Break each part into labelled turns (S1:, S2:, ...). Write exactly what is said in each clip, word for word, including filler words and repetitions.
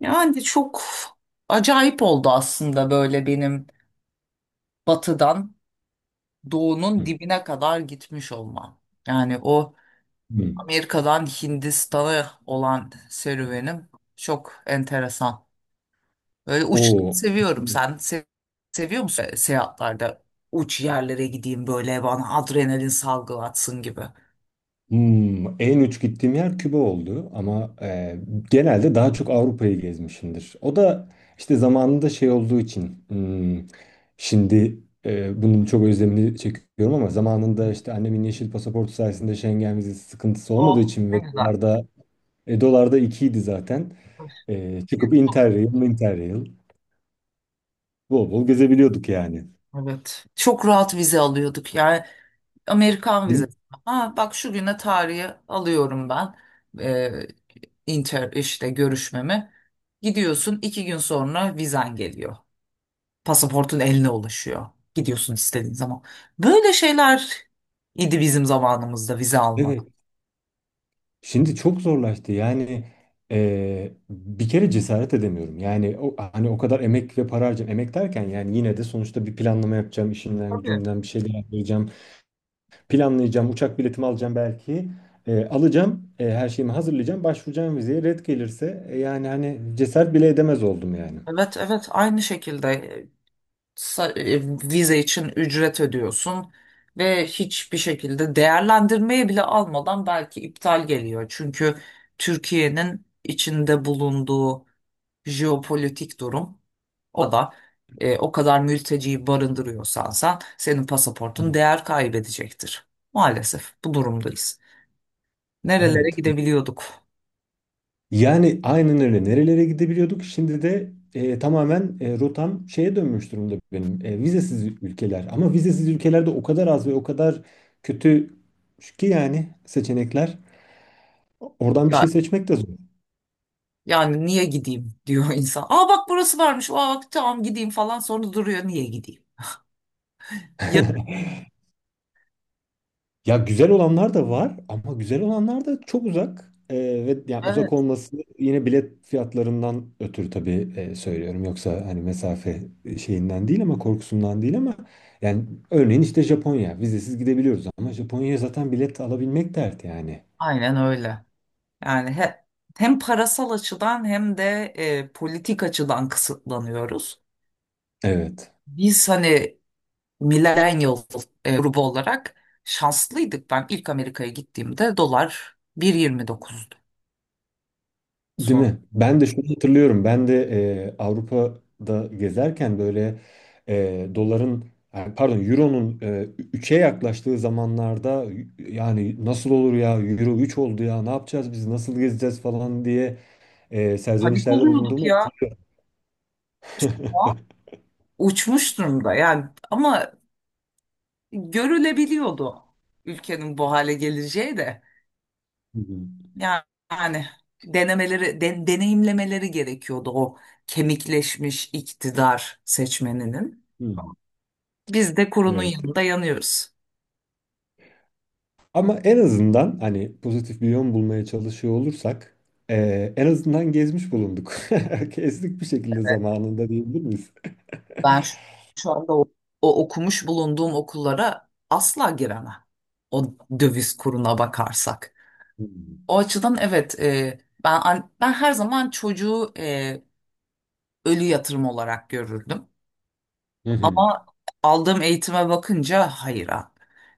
S1: Yani çok acayip oldu aslında böyle benim batıdan doğunun
S2: Hı.
S1: dibine kadar gitmiş olmam. Yani o
S2: Hı.
S1: Amerika'dan Hindistan'a olan serüvenim çok enteresan. Böyle uç
S2: O
S1: seviyorum. Sen se- seviyor musun seyahatlerde uç yerlere gideyim böyle bana adrenalin salgılatsın gibi?
S2: Hmm, en uç gittiğim yer Küba oldu ama e, genelde daha çok Avrupa'yı gezmişimdir. O da işte zamanında şey olduğu için hmm, şimdi e, bunun çok özlemini çekiyorum ama zamanında işte annemin yeşil pasaportu sayesinde Schengen vizesi sıkıntısı olmadığı
S1: Oh,
S2: için
S1: ne
S2: ve
S1: güzel.
S2: dolarda e, dolarda ikiydi zaten. E, çıkıp
S1: Çok.
S2: Interrail, Interrail bol bol gezebiliyorduk yani.
S1: Evet, çok rahat vize alıyorduk. Yani Amerikan vizesi.
S2: Değil
S1: Ha, bak şu güne tarihi alıyorum ben. Ee, inter işte görüşmemi. Gidiyorsun, iki gün sonra vizen geliyor. Pasaportun eline ulaşıyor. Gidiyorsun istediğin zaman. Böyle şeyler idi bizim zamanımızda vize almak.
S2: mi? Şimdi çok zorlaştı. Yani eee, bir kere cesaret edemiyorum. Yani o, hani o kadar emek ve para harcayacağım. Emek derken yani yine de sonuçta bir planlama yapacağım. İşimden
S1: Tabii.
S2: gücümden bir şeyler yapacağım. Planlayacağım. Uçak biletimi alacağım belki. Eee, alacağım. eee, her şeyimi hazırlayacağım. Başvuracağım vizeye. Red gelirse e, yani hani cesaret bile edemez oldum yani.
S1: Evet, evet, aynı şekilde. sa- e, Vize için ücret ödüyorsun ve hiçbir şekilde değerlendirmeye bile almadan belki iptal geliyor. Çünkü Türkiye'nin içinde bulunduğu jeopolitik durum, o da e, o kadar mülteciyi barındırıyorsan sen, senin pasaportun değer kaybedecektir. Maalesef bu durumdayız. Nerelere
S2: Evet.
S1: gidebiliyorduk?
S2: Yani aynen öyle. Nerelere gidebiliyorduk? Şimdi de e, tamamen e, rotam şeye dönmüş durumda benim. E, vizesiz ülkeler. Ama vizesiz ülkelerde o kadar az ve o kadar kötü ki yani seçenekler. Oradan bir
S1: Ya,
S2: şey seçmek de zor.
S1: yani niye gideyim diyor insan. Aa, bak, burası varmış. Aa, bak, tamam, gideyim falan, sonra duruyor, niye gideyim? Ya,
S2: Ya güzel olanlar da var ama güzel olanlar da çok uzak. Ee, ve yani uzak
S1: evet.
S2: olması yine bilet fiyatlarından ötürü tabii e, söylüyorum. Yoksa hani mesafe e, şeyinden değil ama korkusundan değil ama yani örneğin işte Japonya vizesiz gidebiliyoruz ama Japonya'ya zaten bilet alabilmek dert yani.
S1: Aynen öyle. Yani he- Hem parasal açıdan hem de e, politik açıdan kısıtlanıyoruz.
S2: Evet.
S1: Biz hani millennial e, grubu olarak şanslıydık. Ben ilk Amerika'ya gittiğimde dolar bir virgül yirmi dokuzdu.
S2: Değil
S1: Sonra
S2: mi? Ben de şunu hatırlıyorum. Ben de e, Avrupa'da gezerken böyle e, doların yani pardon euronun e, üçe yaklaştığı zamanlarda yani nasıl olur ya euro üç oldu ya ne yapacağız biz nasıl gezeceğiz falan diye e,
S1: panik
S2: serzenişlerde
S1: oluyorduk
S2: bulunduğumu
S1: ya. Şu
S2: hatırlıyorum.
S1: an uçmuş durumda yani, ama görülebiliyordu ülkenin bu hale geleceği de.
S2: Hı hı,
S1: Yani, yani denemeleri, de- deneyimlemeleri gerekiyordu o kemikleşmiş iktidar seçmeninin.
S2: hı hı.
S1: Biz de kurunun
S2: Evet.
S1: yanında yanıyoruz.
S2: Ama en azından hani pozitif bir yön bulmaya çalışıyor olursak e, en azından gezmiş bulunduk. Kestik bir şekilde zamanında diyebilir miyiz?
S1: Ben şu, Şu anda o, o okumuş bulunduğum okullara asla giremem. O döviz kuruna bakarsak.
S2: Hı hı.
S1: O açıdan evet, e, ben an- ben her zaman çocuğu e, ölü yatırım olarak görürdüm.
S2: Hı hı.
S1: Ama aldığım eğitime bakınca hayır abi.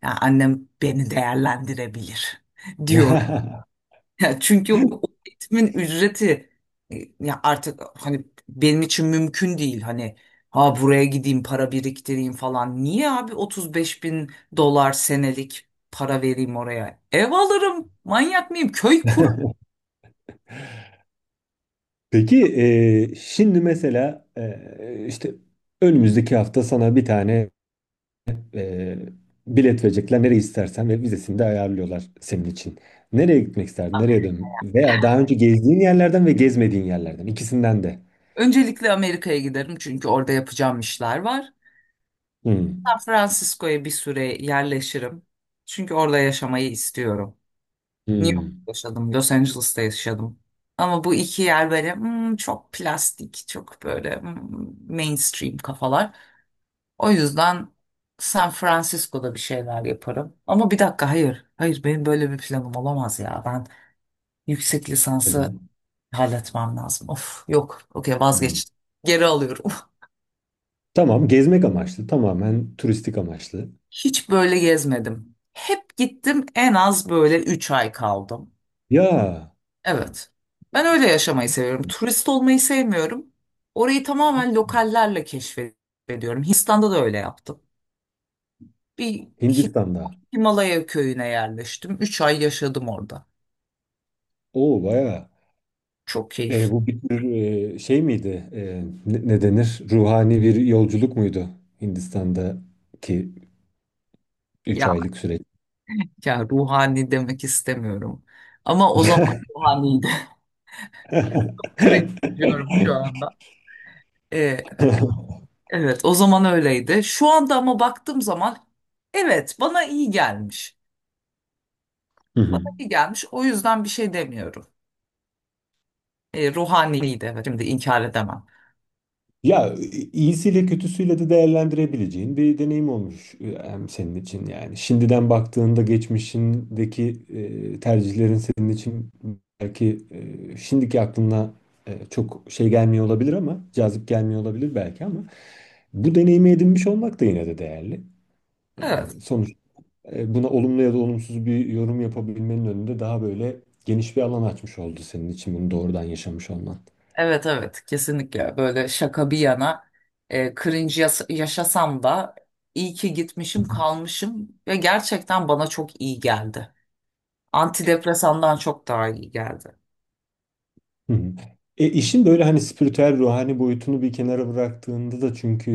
S1: Yani annem beni değerlendirebilir diyorum. Ya çünkü o eğitimin ücreti, e, ya artık hani benim için mümkün değil, hani ha buraya gideyim para biriktireyim falan. Niye abi otuz beş bin dolar senelik para vereyim oraya? Ev alırım. Manyak mıyım? Köy kur.
S2: Peki e, şimdi mesela e, işte önümüzdeki hafta sana bir tane e, bilet verecekler nereye istersen ve vizesini de ayarlıyorlar senin için. Nereye gitmek isterdin? Nereye dön? Veya daha önce gezdiğin yerlerden ve gezmediğin yerlerden ikisinden de.
S1: Öncelikle Amerika'ya giderim, çünkü orada yapacağım işler var.
S2: Hmm.
S1: San Francisco'ya bir süre yerleşirim. Çünkü orada yaşamayı istiyorum. New York'ta
S2: Hmm.
S1: yaşadım, Los Angeles'ta yaşadım. Ama bu iki yer böyle, hmm, çok plastik, çok böyle, hmm, mainstream kafalar. O yüzden San Francisco'da bir şeyler yaparım. Ama bir dakika, hayır, hayır, benim böyle bir planım olamaz ya. Ben yüksek lisansı
S2: Neden?
S1: halletmem lazım. Of, yok, okey,
S2: Hmm.
S1: vazgeçtim. Geri alıyorum.
S2: Tamam, gezmek amaçlı tamamen turistik amaçlı.
S1: Hiç böyle gezmedim. Hep gittim, en az böyle üç ay kaldım.
S2: Ya
S1: Evet. Ben öyle yaşamayı seviyorum. Turist olmayı sevmiyorum. Orayı tamamen lokallerle keşfediyorum. Hindistan'da da öyle yaptım. Bir
S2: Hindistan'da.
S1: Himalaya köyüne yerleştim. Üç ay yaşadım orada.
S2: Oo bayağı.
S1: Çok
S2: E,
S1: keyif.
S2: bu bir tür e, şey miydi? E, ne, ne denir? Ruhani bir yolculuk muydu Hindistan'daki üç
S1: Ya,
S2: aylık süreç?
S1: ya ruhani demek istemiyorum. Ama o zaman ruhaniydi. Cringe diyorum şu anda. Ee, evet. Evet, o zaman öyleydi. Şu anda ama baktığım zaman, evet, bana iyi gelmiş.
S2: Hı hı.
S1: Bana iyi gelmiş. O yüzden bir şey demiyorum. E, ruhaniydi, evet. Şimdi inkar edemem.
S2: Ya iyisiyle kötüsüyle de değerlendirebileceğin bir deneyim olmuş e, hem senin için yani. Şimdiden baktığında geçmişindeki e, tercihlerin senin için belki e, şimdiki aklına e, çok şey gelmiyor olabilir ama cazip gelmiyor olabilir belki ama bu deneyimi edinmiş olmak da yine de değerli. E,
S1: Evet.
S2: Sonuç e, buna olumlu ya da olumsuz bir yorum yapabilmenin önünde daha böyle geniş bir alan açmış oldu senin için bunu doğrudan yaşamış olman.
S1: Evet, evet, kesinlikle. Böyle şaka bir yana, e, cringe yas- yaşasam da iyi ki gitmişim, kalmışım ve gerçekten bana çok iyi geldi. Antidepresandan çok daha iyi geldi.
S2: Hı hı. E, işin böyle hani spiritüel ruhani boyutunu bir kenara bıraktığında da çünkü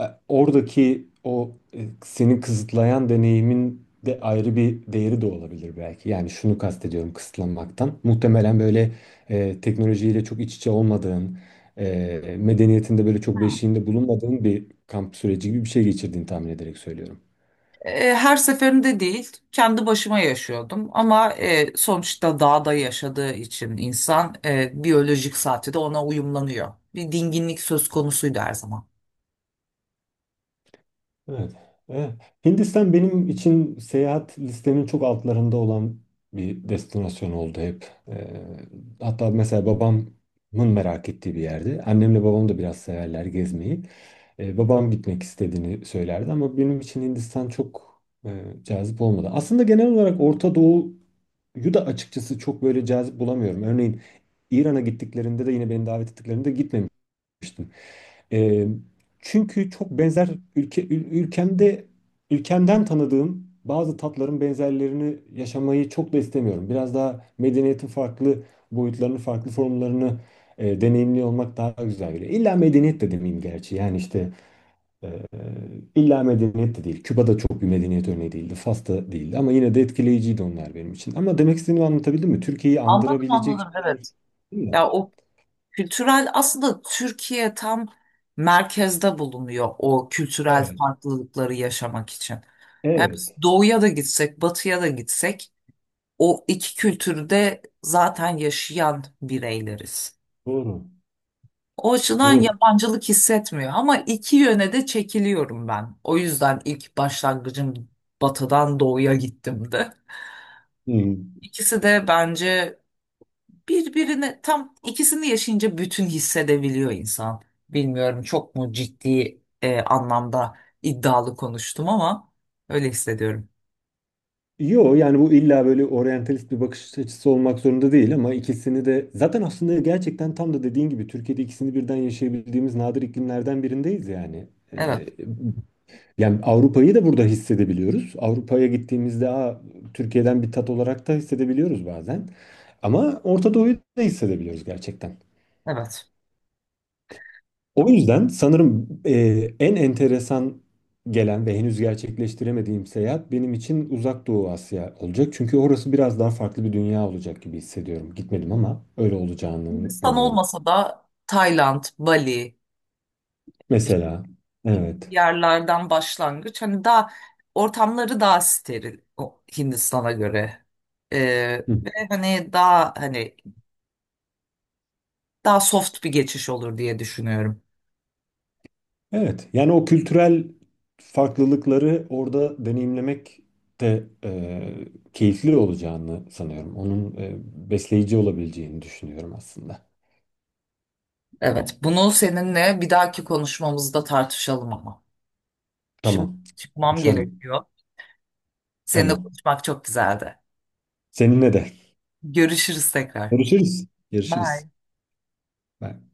S2: e, oradaki o e, seni kısıtlayan deneyimin de ayrı bir değeri de olabilir belki. Yani şunu kastediyorum kısıtlanmaktan. Muhtemelen böyle e, teknolojiyle çok iç içe olmadığın, e, medeniyetinde böyle çok beşiğinde bulunmadığın bir kamp süreci gibi bir şey geçirdiğini tahmin ederek söylüyorum.
S1: E, her seferinde değil, kendi başıma yaşıyordum, ama e, sonuçta dağda yaşadığı için insan, e, biyolojik saati de ona uyumlanıyor. Bir dinginlik söz konusuydu her zaman.
S2: Evet. Evet. Hindistan benim için seyahat listemin çok altlarında olan bir destinasyon oldu hep. Ee, hatta mesela babamın merak ettiği bir yerdi. Annemle babam da biraz severler gezmeyi. Ee, babam gitmek istediğini söylerdi ama benim için Hindistan çok e, cazip olmadı. Aslında genel olarak Orta Doğu'yu da açıkçası çok böyle cazip bulamıyorum. Örneğin İran'a gittiklerinde de yine beni davet ettiklerinde gitmemiştim yapmıştım. Ee, çünkü çok benzer ülke ül- ülkemde ülkemden tanıdığım bazı tatların benzerlerini yaşamayı çok da istemiyorum. Biraz daha medeniyetin farklı boyutlarını, farklı formlarını e, deneyimli olmak daha güzel geliyor. İlla medeniyet de demeyeyim gerçi. Yani işte e, illa medeniyet de değil. Küba'da çok bir medeniyet örneği değildi. Fas'ta değildi ama yine de etkileyiciydi onlar benim için. Ama demek istediğimi anlatabildim mi? Türkiye'yi
S1: Anladım,
S2: andırabilecek
S1: anladım,
S2: şeyler
S1: evet.
S2: değil mi?
S1: Ya o, kültürel aslında Türkiye tam merkezde bulunuyor, o kültürel
S2: Evet.
S1: farklılıkları yaşamak için. Yani biz
S2: Evet,
S1: doğuya da gitsek, batıya da gitsek, o iki kültürü de zaten yaşayan bireyleriz.
S2: doğru.
S1: O açıdan
S2: Doğru.
S1: yabancılık hissetmiyor, ama iki yöne de çekiliyorum ben. O yüzden ilk başlangıcım batıdan doğuya gittim de.
S2: Hmm.
S1: İkisi de bence, birbirine tam, ikisini yaşayınca bütün hissedebiliyor insan. Bilmiyorum, çok mu ciddi e, anlamda iddialı konuştum, ama öyle hissediyorum.
S2: Yo yani bu illa böyle oryantalist bir bakış açısı olmak zorunda değil ama ikisini de zaten aslında gerçekten tam da dediğin gibi Türkiye'de ikisini birden yaşayabildiğimiz nadir iklimlerden birindeyiz yani.
S1: Evet,
S2: Ee, yani Avrupa'yı da burada hissedebiliyoruz. Avrupa'ya gittiğimizde Aa, Türkiye'den bir tat olarak da hissedebiliyoruz bazen. Ama Orta Doğu'yu da hissedebiliyoruz gerçekten.
S1: evet.
S2: O yüzden sanırım e, en enteresan gelen ve henüz gerçekleştiremediğim seyahat benim için Uzak Doğu Asya olacak. Çünkü orası biraz daha farklı bir dünya olacak gibi hissediyorum. Gitmedim ama öyle olacağını
S1: Hindistan
S2: umuyorum.
S1: olmasa da Tayland, Bali,
S2: Mesela, evet.
S1: yerlerden başlangıç. Hani daha ortamları daha steril o Hindistan'a göre. Ee,
S2: Hı.
S1: ve hani daha, hani daha soft bir geçiş olur diye düşünüyorum.
S2: Evet, yani o kültürel farklılıkları orada deneyimlemek de e, keyifli olacağını sanıyorum. Onun e, besleyici olabileceğini düşünüyorum aslında.
S1: Evet, bunu seninle bir dahaki konuşmamızda tartışalım ama. Şimdi
S2: Tamam,
S1: çıkmam
S2: konuşalım.
S1: gerekiyor. Seninle
S2: Tamam.
S1: konuşmak çok güzeldi.
S2: Seninle de.
S1: Görüşürüz tekrar.
S2: Görüşürüz. Görüşürüz.
S1: Bye.
S2: Bye.